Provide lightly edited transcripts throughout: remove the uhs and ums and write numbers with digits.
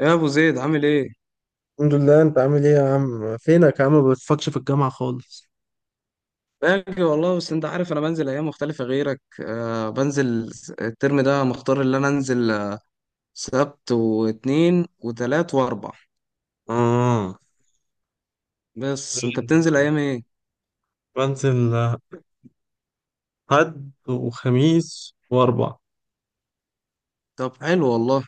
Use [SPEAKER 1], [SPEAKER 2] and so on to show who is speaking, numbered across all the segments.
[SPEAKER 1] يا ابو زيد، عامل ايه؟
[SPEAKER 2] الحمد لله. انت عامل ايه يا عم؟ فينك يا عم؟ ما بتفكش في الجامعة خالص.
[SPEAKER 1] باجي والله، بس انت عارف انا بنزل ايام مختلفه غيرك. بنزل الترم ده مختار اللي انا انزل. سبت واثنين وثلاث واربع.
[SPEAKER 2] آه،
[SPEAKER 1] بس انت
[SPEAKER 2] غير
[SPEAKER 1] بتنزل ايام ايه؟
[SPEAKER 2] بنزل حد وخميس وأربع.
[SPEAKER 1] طب حلو والله.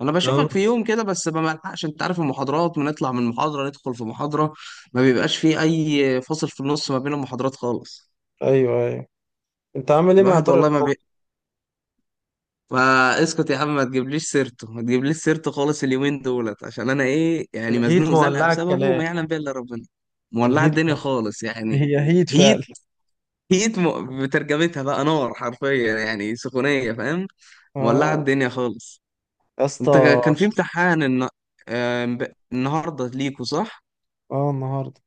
[SPEAKER 1] انا
[SPEAKER 2] آه.
[SPEAKER 1] بشوفك في يوم كده، بس ما بلحقش. انت عارف المحاضرات، بنطلع من محاضره ندخل في محاضره. ما بيبقاش فيه اي فاصل في النص ما بين المحاضرات خالص.
[SPEAKER 2] ايوه، ايوه. انت عامل ايه مع
[SPEAKER 1] الواحد
[SPEAKER 2] طارق
[SPEAKER 1] والله ما
[SPEAKER 2] الخوخ؟
[SPEAKER 1] بي... فاسكت يا عم، ما تجيبليش سيرته ما تجيبليش سيرته خالص اليومين دولت، عشان انا ايه؟ يعني
[SPEAKER 2] الهيت
[SPEAKER 1] مزنوق زنقه
[SPEAKER 2] مولعة
[SPEAKER 1] بسببه
[SPEAKER 2] الكلام.
[SPEAKER 1] ما يعلم بيها الا ربنا. مولعه
[SPEAKER 2] الهيت
[SPEAKER 1] الدنيا
[SPEAKER 2] مولعة.
[SPEAKER 1] خالص يعني.
[SPEAKER 2] هي هيت
[SPEAKER 1] هيت
[SPEAKER 2] فعلا.
[SPEAKER 1] هيت م... بترجمتها بقى نار، حرفيا يعني سخونيه، فاهم؟ مولعه
[SPEAKER 2] اه.
[SPEAKER 1] الدنيا خالص.
[SPEAKER 2] يا اسطى.
[SPEAKER 1] انت كان في امتحان الن... النهارده ليكوا صح؟
[SPEAKER 2] اه، النهارده.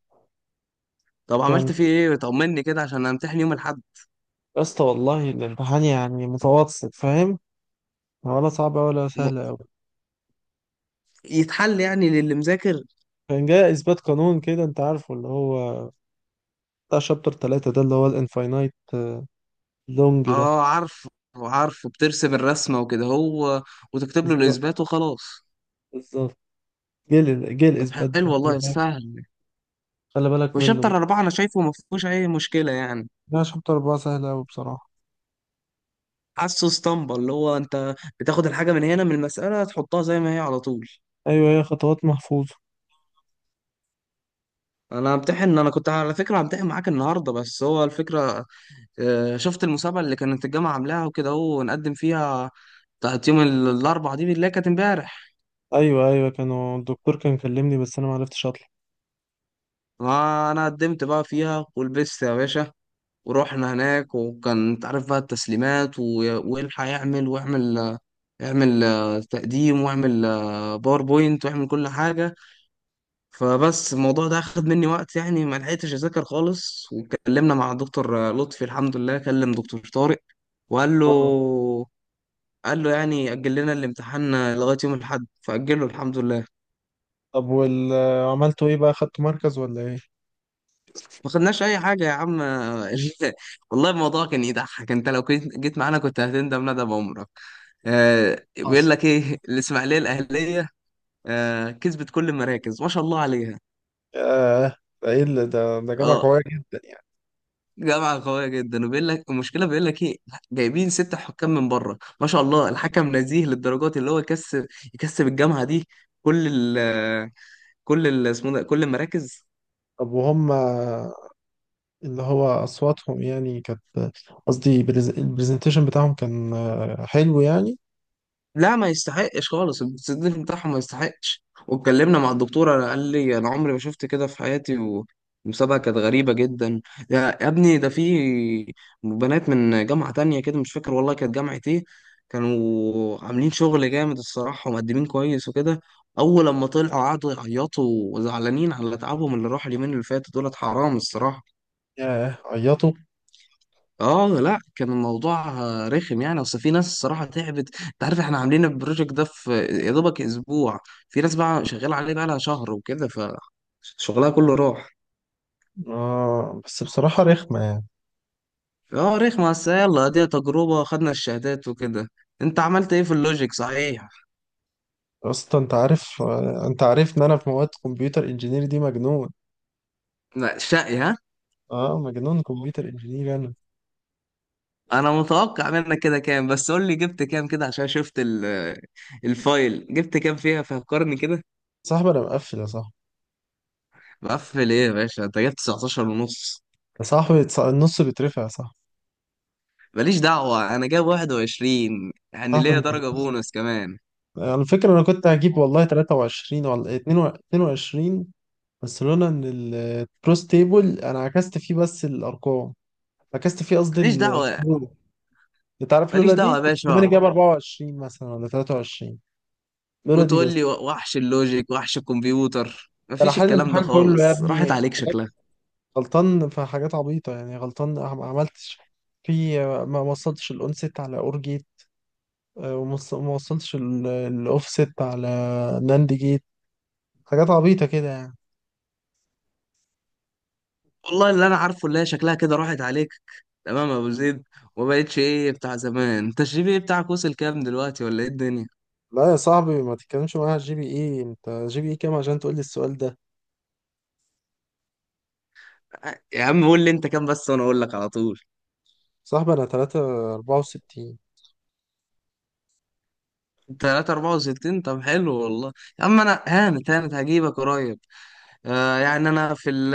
[SPEAKER 1] طب
[SPEAKER 2] كان
[SPEAKER 1] عملت فيه ايه؟ طمني كده عشان امتحن يوم الاحد.
[SPEAKER 2] يا اسطى، والله الامتحان يعني متوسط، فاهم؟ ولا صعب ولا
[SPEAKER 1] م-
[SPEAKER 2] سهل قوي.
[SPEAKER 1] يتحل يعني للي مذاكر.
[SPEAKER 2] كان جاي اثبات قانون كده، انت عارفه، اللي هو بتاع شابتر 3، ده اللي هو الانفاينايت لونج.
[SPEAKER 1] اه عارفه. عارفه بترسم الرسمة وكده هو، وتكتب له
[SPEAKER 2] ده
[SPEAKER 1] الإثبات وخلاص.
[SPEAKER 2] بالظبط. جيل جيل
[SPEAKER 1] طب
[SPEAKER 2] اثبات ده،
[SPEAKER 1] حلو
[SPEAKER 2] خلي
[SPEAKER 1] والله،
[SPEAKER 2] بالك.
[SPEAKER 1] سهل.
[SPEAKER 2] خلي بالك منه بقى.
[SPEAKER 1] وشابتر أربعة أنا شايفه ما فيهوش أي مشكلة يعني.
[SPEAKER 2] لا، شابتر أربعة سهل أوي بصراحة.
[SPEAKER 1] حاسه اسطمبة، اللي هو أنت بتاخد الحاجة من هنا من المسألة تحطها زي ما هي على طول.
[SPEAKER 2] ايوه، هي خطوات محفوظه.
[SPEAKER 1] أنا كنت على فكرة همتحن معاك النهاردة، بس هو الفكرة. شفت المسابقة اللي كانت الجامعة عاملاها وكده هو نقدم فيها. بتاعت يوم الأربعة دي اللي هي كانت امبارح.
[SPEAKER 2] ايوه ايوه. الدكتور كان كلمني، بس انا ما عرفتش اطلع.
[SPEAKER 1] ما أنا قدمت بقى فيها ولبست يا باشا. ورحنا هناك وكان تعرف بقى التسليمات والحق يعمل واعمل. اعمل تقديم، واعمل باوربوينت، واعمل كل حاجة. فبس الموضوع ده أخد مني وقت يعني، ما لحقتش أذاكر خالص. واتكلمنا مع الدكتور لطفي، الحمد لله كلم دكتور طارق. وقال له
[SPEAKER 2] اه.
[SPEAKER 1] قال له يعني أجل لنا الامتحان لغاية يوم الأحد، فأجله الحمد لله.
[SPEAKER 2] طب عملتوا ايه بقى؟ خدتوا مركز ولا ايه؟
[SPEAKER 1] ما خدناش اي حاجه يا عم. والله الموضوع كان يضحك، انت لو كنت جيت معانا كنت هتندم ندم عمرك. بيقول
[SPEAKER 2] حصل.
[SPEAKER 1] لك ايه؟ الاسماعيليه الاهليه. كسبت كل المراكز ما شاء الله عليها.
[SPEAKER 2] ياه. ده ايه اللي ده؟ جامعة
[SPEAKER 1] اه
[SPEAKER 2] قوية جدا يعني.
[SPEAKER 1] جامعه قويه جدا. وبيقول لك المشكله، بيقول لك ايه؟ جايبين ست حكام من بره، ما شاء الله الحكم نزيه، للدرجات اللي هو يكسب الجامعه دي كل ال ال اسمه ده كل المراكز.
[SPEAKER 2] طب وهم اللي هو أصواتهم يعني كانت، قصدي البرزنتيشن بتاعهم كان حلو يعني.
[SPEAKER 1] لا، ما يستحقش خالص. السيف بتاعهم ما يستحقش. واتكلمنا مع الدكتور، انا قال لي انا عمري ما شفت كده في حياتي. والمسابقه كانت غريبه جدا. يا ابني، ده في بنات من جامعه تانية كده، مش فاكر والله كانت جامعه ايه. كانوا عاملين شغل جامد الصراحه، ومقدمين كويس وكده. اول لما طلعوا قعدوا يعيطوا، وزعلانين على تعبهم اللي راح اليومين اللي فاتوا دولت، حرام الصراحه.
[SPEAKER 2] ياه، عيطوا.
[SPEAKER 1] اه لا، كان الموضوع رخم يعني. اصل في ناس الصراحه تعبت، انت عارف احنا عاملين البروجكت ده في يا دوبك اسبوع. في ناس بقى شغاله عليه بقى لها شهر وكده، فشغلها كله راح.
[SPEAKER 2] آه، بس بصراحة رخمة يعني.
[SPEAKER 1] اه رخمه، بس يلا دي تجربه، خدنا الشهادات وكده. انت عملت ايه في اللوجيك صحيح؟
[SPEAKER 2] اصلا انت عارف، ان انا في مواد كمبيوتر انجينير دي مجنون.
[SPEAKER 1] لا شقي، ها؟
[SPEAKER 2] اه، مجنون كمبيوتر انجينير انا.
[SPEAKER 1] انا متوقع منك كده كام، بس قول لي جبت كام كده عشان شفت الفايل، جبت كام فيها؟ فكرني كده.
[SPEAKER 2] صاحبي، انا مقفل يا صاحبي.
[SPEAKER 1] مقفل ايه يا باشا؟ انت جبت 19 ونص.
[SPEAKER 2] يا صاحبي، النص بيترفع يا صاحبي.
[SPEAKER 1] ماليش دعوة، أنا جايب 21 يعني
[SPEAKER 2] صاحبي
[SPEAKER 1] ليا
[SPEAKER 2] انت،
[SPEAKER 1] درجة بونص كمان.
[SPEAKER 2] على فكرة انا كنت هجيب والله 23 ولا 22، بس لولا ان الكروس تيبل انا عكست فيه بس الارقام، عكست فيه قصدي
[SPEAKER 1] ماليش دعوة
[SPEAKER 2] الفروق. انت عارف
[SPEAKER 1] ماليش
[SPEAKER 2] لولا
[SPEAKER 1] دعوة
[SPEAKER 2] دي
[SPEAKER 1] يا
[SPEAKER 2] كنت زماني
[SPEAKER 1] باشا.
[SPEAKER 2] جايب 24 مثلا ولا 23. لولا دي
[SPEAKER 1] وتقول
[SPEAKER 2] بس.
[SPEAKER 1] لي وحش اللوجيك وحش الكمبيوتر؟
[SPEAKER 2] انا
[SPEAKER 1] مفيش
[SPEAKER 2] حل
[SPEAKER 1] الكلام ده
[SPEAKER 2] الامتحان كله يا
[SPEAKER 1] خالص، راحت
[SPEAKER 2] ابني.
[SPEAKER 1] عليك شكلها.
[SPEAKER 2] غلطان في حاجات عبيطة يعني، غلطان ما عملتش. في ما وصلتش الأون سيت على أور جيت. ما وصلتش الأوف سيت على ناند جيت. حاجات عبيطة كده يعني.
[SPEAKER 1] والله اللي أنا عارفه اللي هي شكلها كده راحت عليك. تمام يا أبو زيد. وما بقتش إيه بتاع زمان. أنت الجي بي بتاعك وصل كام دلوقتي ولا إيه الدنيا؟
[SPEAKER 2] لا يا صاحبي، ما تتكلمش معايا على الجي بي اي. انت جي بي اي كام عشان تقول لي السؤال ده؟
[SPEAKER 1] يا عم قول لي أنت كام بس، وأنا أقول لك على طول.
[SPEAKER 2] صاحبي انا 3.64.
[SPEAKER 1] 3 64، طب حلو والله. يا عم أنا هانت هانت، هجيبك قريب. يعني أنا في ال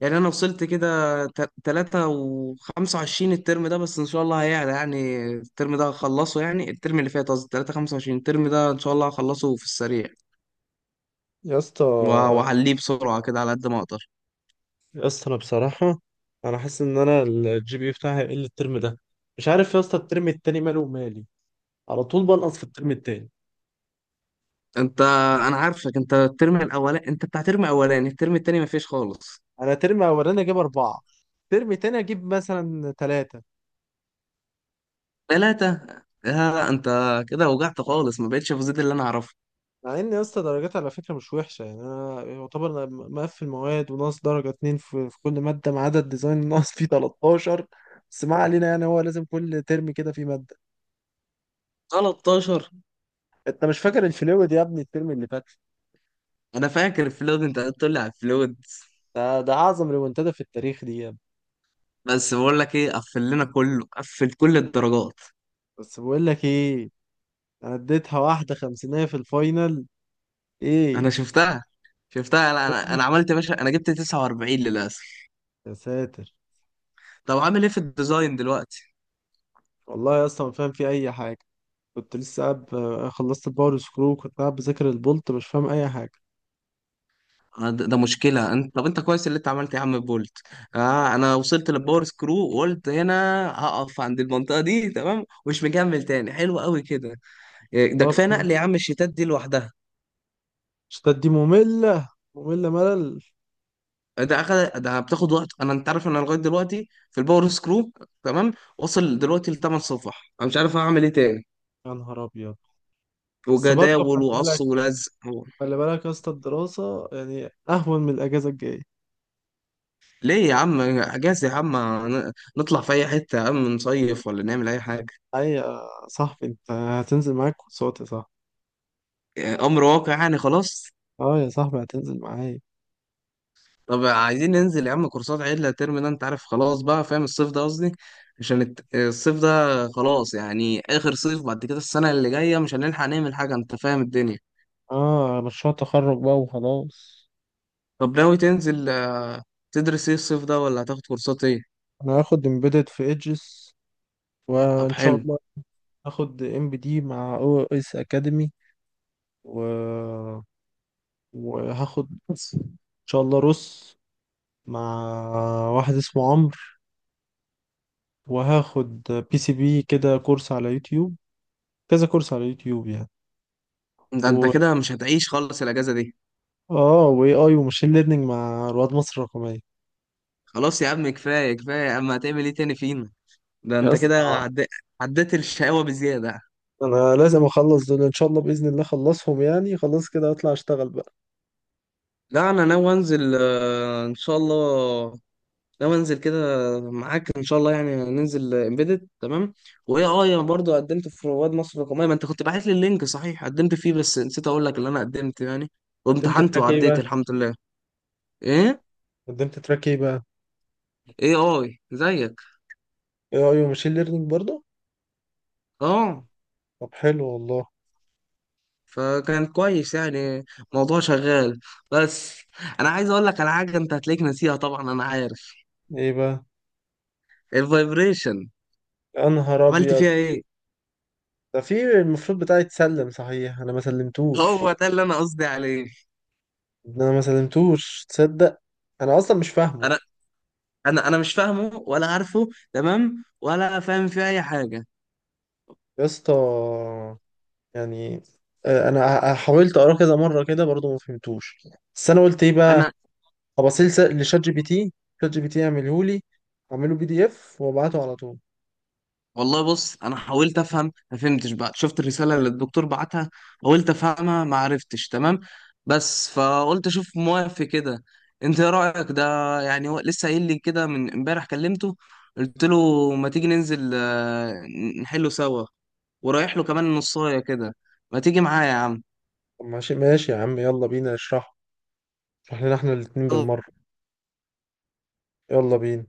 [SPEAKER 1] يعني انا وصلت كده. 3.25 الترم ده، بس ان شاء الله هيعلى. يعني الترم ده هخلصه، يعني الترم اللي فات قصدي، 3.25 الترم ده ان شاء الله هخلصه في السريع.
[SPEAKER 2] يا اسطى،
[SPEAKER 1] وهعليه بسرعة كده على قد ما اقدر.
[SPEAKER 2] يا اسطى انا بصراحة انا حاسس ان انا الجي بي اي بتاعي هيقل الترم ده. مش عارف يا اسطى، الترم التاني ماله ومالي، على طول بنقص في الترم التاني.
[SPEAKER 1] انت انا عارفك، انت الترم الاولاني، انت بتاع ترم اولاني، الترم التاني مفيش خالص.
[SPEAKER 2] انا ترم اولاني اجيب اربعه، ترم تاني اجيب مثلا ثلاثه.
[SPEAKER 1] تلاتة؟ لا انت كده وجعت خالص، ما بقتش في زيد اللي انا اعرفه.
[SPEAKER 2] مع ان يا اسطى درجات على فكره مش وحشه يعني. انا يعتبر أنا مقفل مواد، وناقص درجه اتنين في كل ماده، ما عدا الديزاين ناقص فيه 13. بس ما علينا، يعني هو لازم كل ترم كده في ماده.
[SPEAKER 1] 13.
[SPEAKER 2] انت مش فاكر الفلويد يا ابني الترم اللي فات؟
[SPEAKER 1] انا فاكر الفلود، انت قلت لي على الفلود.
[SPEAKER 2] ده اعظم ريمونتادا في التاريخ دي يا ابني.
[SPEAKER 1] بس بقول لك ايه، قفل لنا كله، قفل كل الدرجات.
[SPEAKER 2] بس بقول لك ايه، انا اديتها واحده خمسينيه في الفاينل.
[SPEAKER 1] انا
[SPEAKER 2] ايه؟
[SPEAKER 1] شفتها. لا انا عملت يا باشا، انا جبت 49 للاسف.
[SPEAKER 2] يا ساتر.
[SPEAKER 1] طب عامل ايه في الديزاين دلوقتي؟
[SPEAKER 2] والله يا اسطى ما فاهم في اي حاجه. كنت لسه قاعد خلصت الباور سكرو، كنت قاعد بذاكر البولت، مش فاهم اي حاجه.
[SPEAKER 1] ده مشكله انت، طب انت كويس اللي انت عملت يا عم بولت. اه انا وصلت للباور سكرو، وقلت هنا هقف عند المنطقه دي تمام، ومش مكمل تاني، حلو قوي كده. ده
[SPEAKER 2] آه،
[SPEAKER 1] كفايه نقل يا عم الشيتات دي لوحدها.
[SPEAKER 2] الشتات دي ممله، ممله ملل.
[SPEAKER 1] ده بتاخد وقت، انت عارف انا لغايه دلوقتي في الباور سكرو، تمام. وصل دلوقتي لثمان صفح، انا مش عارف اعمل ايه تاني.
[SPEAKER 2] يا نهار ابيض. بس برضه
[SPEAKER 1] وجداول
[SPEAKER 2] خلي
[SPEAKER 1] وقص
[SPEAKER 2] بالك،
[SPEAKER 1] ولزق.
[SPEAKER 2] خلي بالك يا اسطى الدراسه يعني اهون من الاجازه الجايه.
[SPEAKER 1] ليه يا عم، اجازة يا عم؟ نطلع في اي حتة يا عم، نصيف ولا نعمل اي حاجة؟
[SPEAKER 2] اي يا صاحبي، انت هتنزل معاك كورسات يا صاحبي.
[SPEAKER 1] امر واقع يعني خلاص.
[SPEAKER 2] اه يا صاحبي، هتنزل معايا.
[SPEAKER 1] طب عايزين ننزل يا عم كورسات عدلة ترم ده، انت عارف خلاص بقى فاهم، الصيف ده قصدي. عشان الصيف ده. خلاص يعني اخر صيف، بعد كده السنة اللي جاية مش هنلحق نعمل حاجة، انت فاهم الدنيا.
[SPEAKER 2] اه، مشروع تخرج بقى وخلاص.
[SPEAKER 1] طب ناوي تنزل تدرس ايه الصيف ده، ولا هتاخد كورسات ايه؟
[SPEAKER 2] انا هاخد امبيدد في ايدجز،
[SPEAKER 1] طب
[SPEAKER 2] وان شاء
[SPEAKER 1] حلو.
[SPEAKER 2] الله هاخد ام بي دي مع او اس اكاديمي، و وهاخد ان شاء الله روس مع واحد اسمه عمرو. وهاخد بي سي بي كده كورس على يوتيوب، كذا كورس على يوتيوب يعني.
[SPEAKER 1] ده انت
[SPEAKER 2] و
[SPEAKER 1] كده مش هتعيش خالص الاجازة دي.
[SPEAKER 2] اه واي اي وماشين ليرنينج مع رواد مصر الرقمية.
[SPEAKER 1] خلاص يا عم، كفاية كفاية يا عم، هتعمل ايه تاني فينا؟ ده
[SPEAKER 2] يا
[SPEAKER 1] انت كده
[SPEAKER 2] اسطى
[SPEAKER 1] عدي... عديت الشقاوة بزيادة.
[SPEAKER 2] انا لازم اخلص دول، ان شاء الله باذن الله اخلصهم يعني، خلاص كده اطلع اشتغل بقى.
[SPEAKER 1] لا انا ناوي انزل، ان شاء الله. ناوي انزل كده. معاك ان شاء الله، يعني ننزل امبيدد تمام. وايه انا برضه قدمت في رواد مصر الرقميه، ما انت كنت باعت لي اللينك صحيح، قدمت فيه بس نسيت اقول لك اللي انا قدمت يعني.
[SPEAKER 2] قدمت
[SPEAKER 1] وامتحنت
[SPEAKER 2] تراك ايه
[SPEAKER 1] وعديت
[SPEAKER 2] بقى؟
[SPEAKER 1] الحمد لله. ايه
[SPEAKER 2] قدمت تراك ايه بقى؟
[SPEAKER 1] ايه؟ اي زيك.
[SPEAKER 2] اي اي وماشين ليرنينج برضه.
[SPEAKER 1] اه،
[SPEAKER 2] طب حلو والله.
[SPEAKER 1] فكان كويس يعني، موضوع شغال. بس انا عايز اقول لك على حاجه، انت هتلاقيك ناسيها طبعا انا عارف.
[SPEAKER 2] ايه بقى؟
[SPEAKER 1] الفايبريشن.
[SPEAKER 2] يا نهار
[SPEAKER 1] عملت
[SPEAKER 2] ابيض.
[SPEAKER 1] فيها ايه؟
[SPEAKER 2] ده في المفروض بتاعي يتسلم، صحيح انا ما
[SPEAKER 1] هو
[SPEAKER 2] سلمتوش.
[SPEAKER 1] ده اللي انا قصدي عليه.
[SPEAKER 2] ده انا ما سلمتوش تصدق. انا اصلا مش فاهمه.
[SPEAKER 1] انا انا مش فاهمه ولا عارفه تمام، ولا فاهم فيه اي حاجه.
[SPEAKER 2] يا اسطى، يعني، انا حاولت اقراه كذا مره كده برضو ما فهمتوش. بس انا قلت ايه بقى،
[SPEAKER 1] انا
[SPEAKER 2] هبصيل لشات جي بي تي، شات جي بي تي يعمله لي، اعمله بي دي اف وابعته على طول.
[SPEAKER 1] والله، بص انا حاولت افهم ما فهمتش بقى، شفت الرساله اللي الدكتور بعتها. حاولت افهمها ما عرفتش تمام. بس فقلت اشوف موافق كده. انت ايه رايك ده؟ يعني هو لسه قايل لي كده من امبارح، كلمته. قلت له ما تيجي ننزل، نحله سوا. ورايح له كمان نصايه كده. ما تيجي معايا يا عم؟
[SPEAKER 2] طب ماشي ماشي يا عم، يلا بينا اشرحه، اشرح لنا احنا الاتنين بالمره. يلا بينا.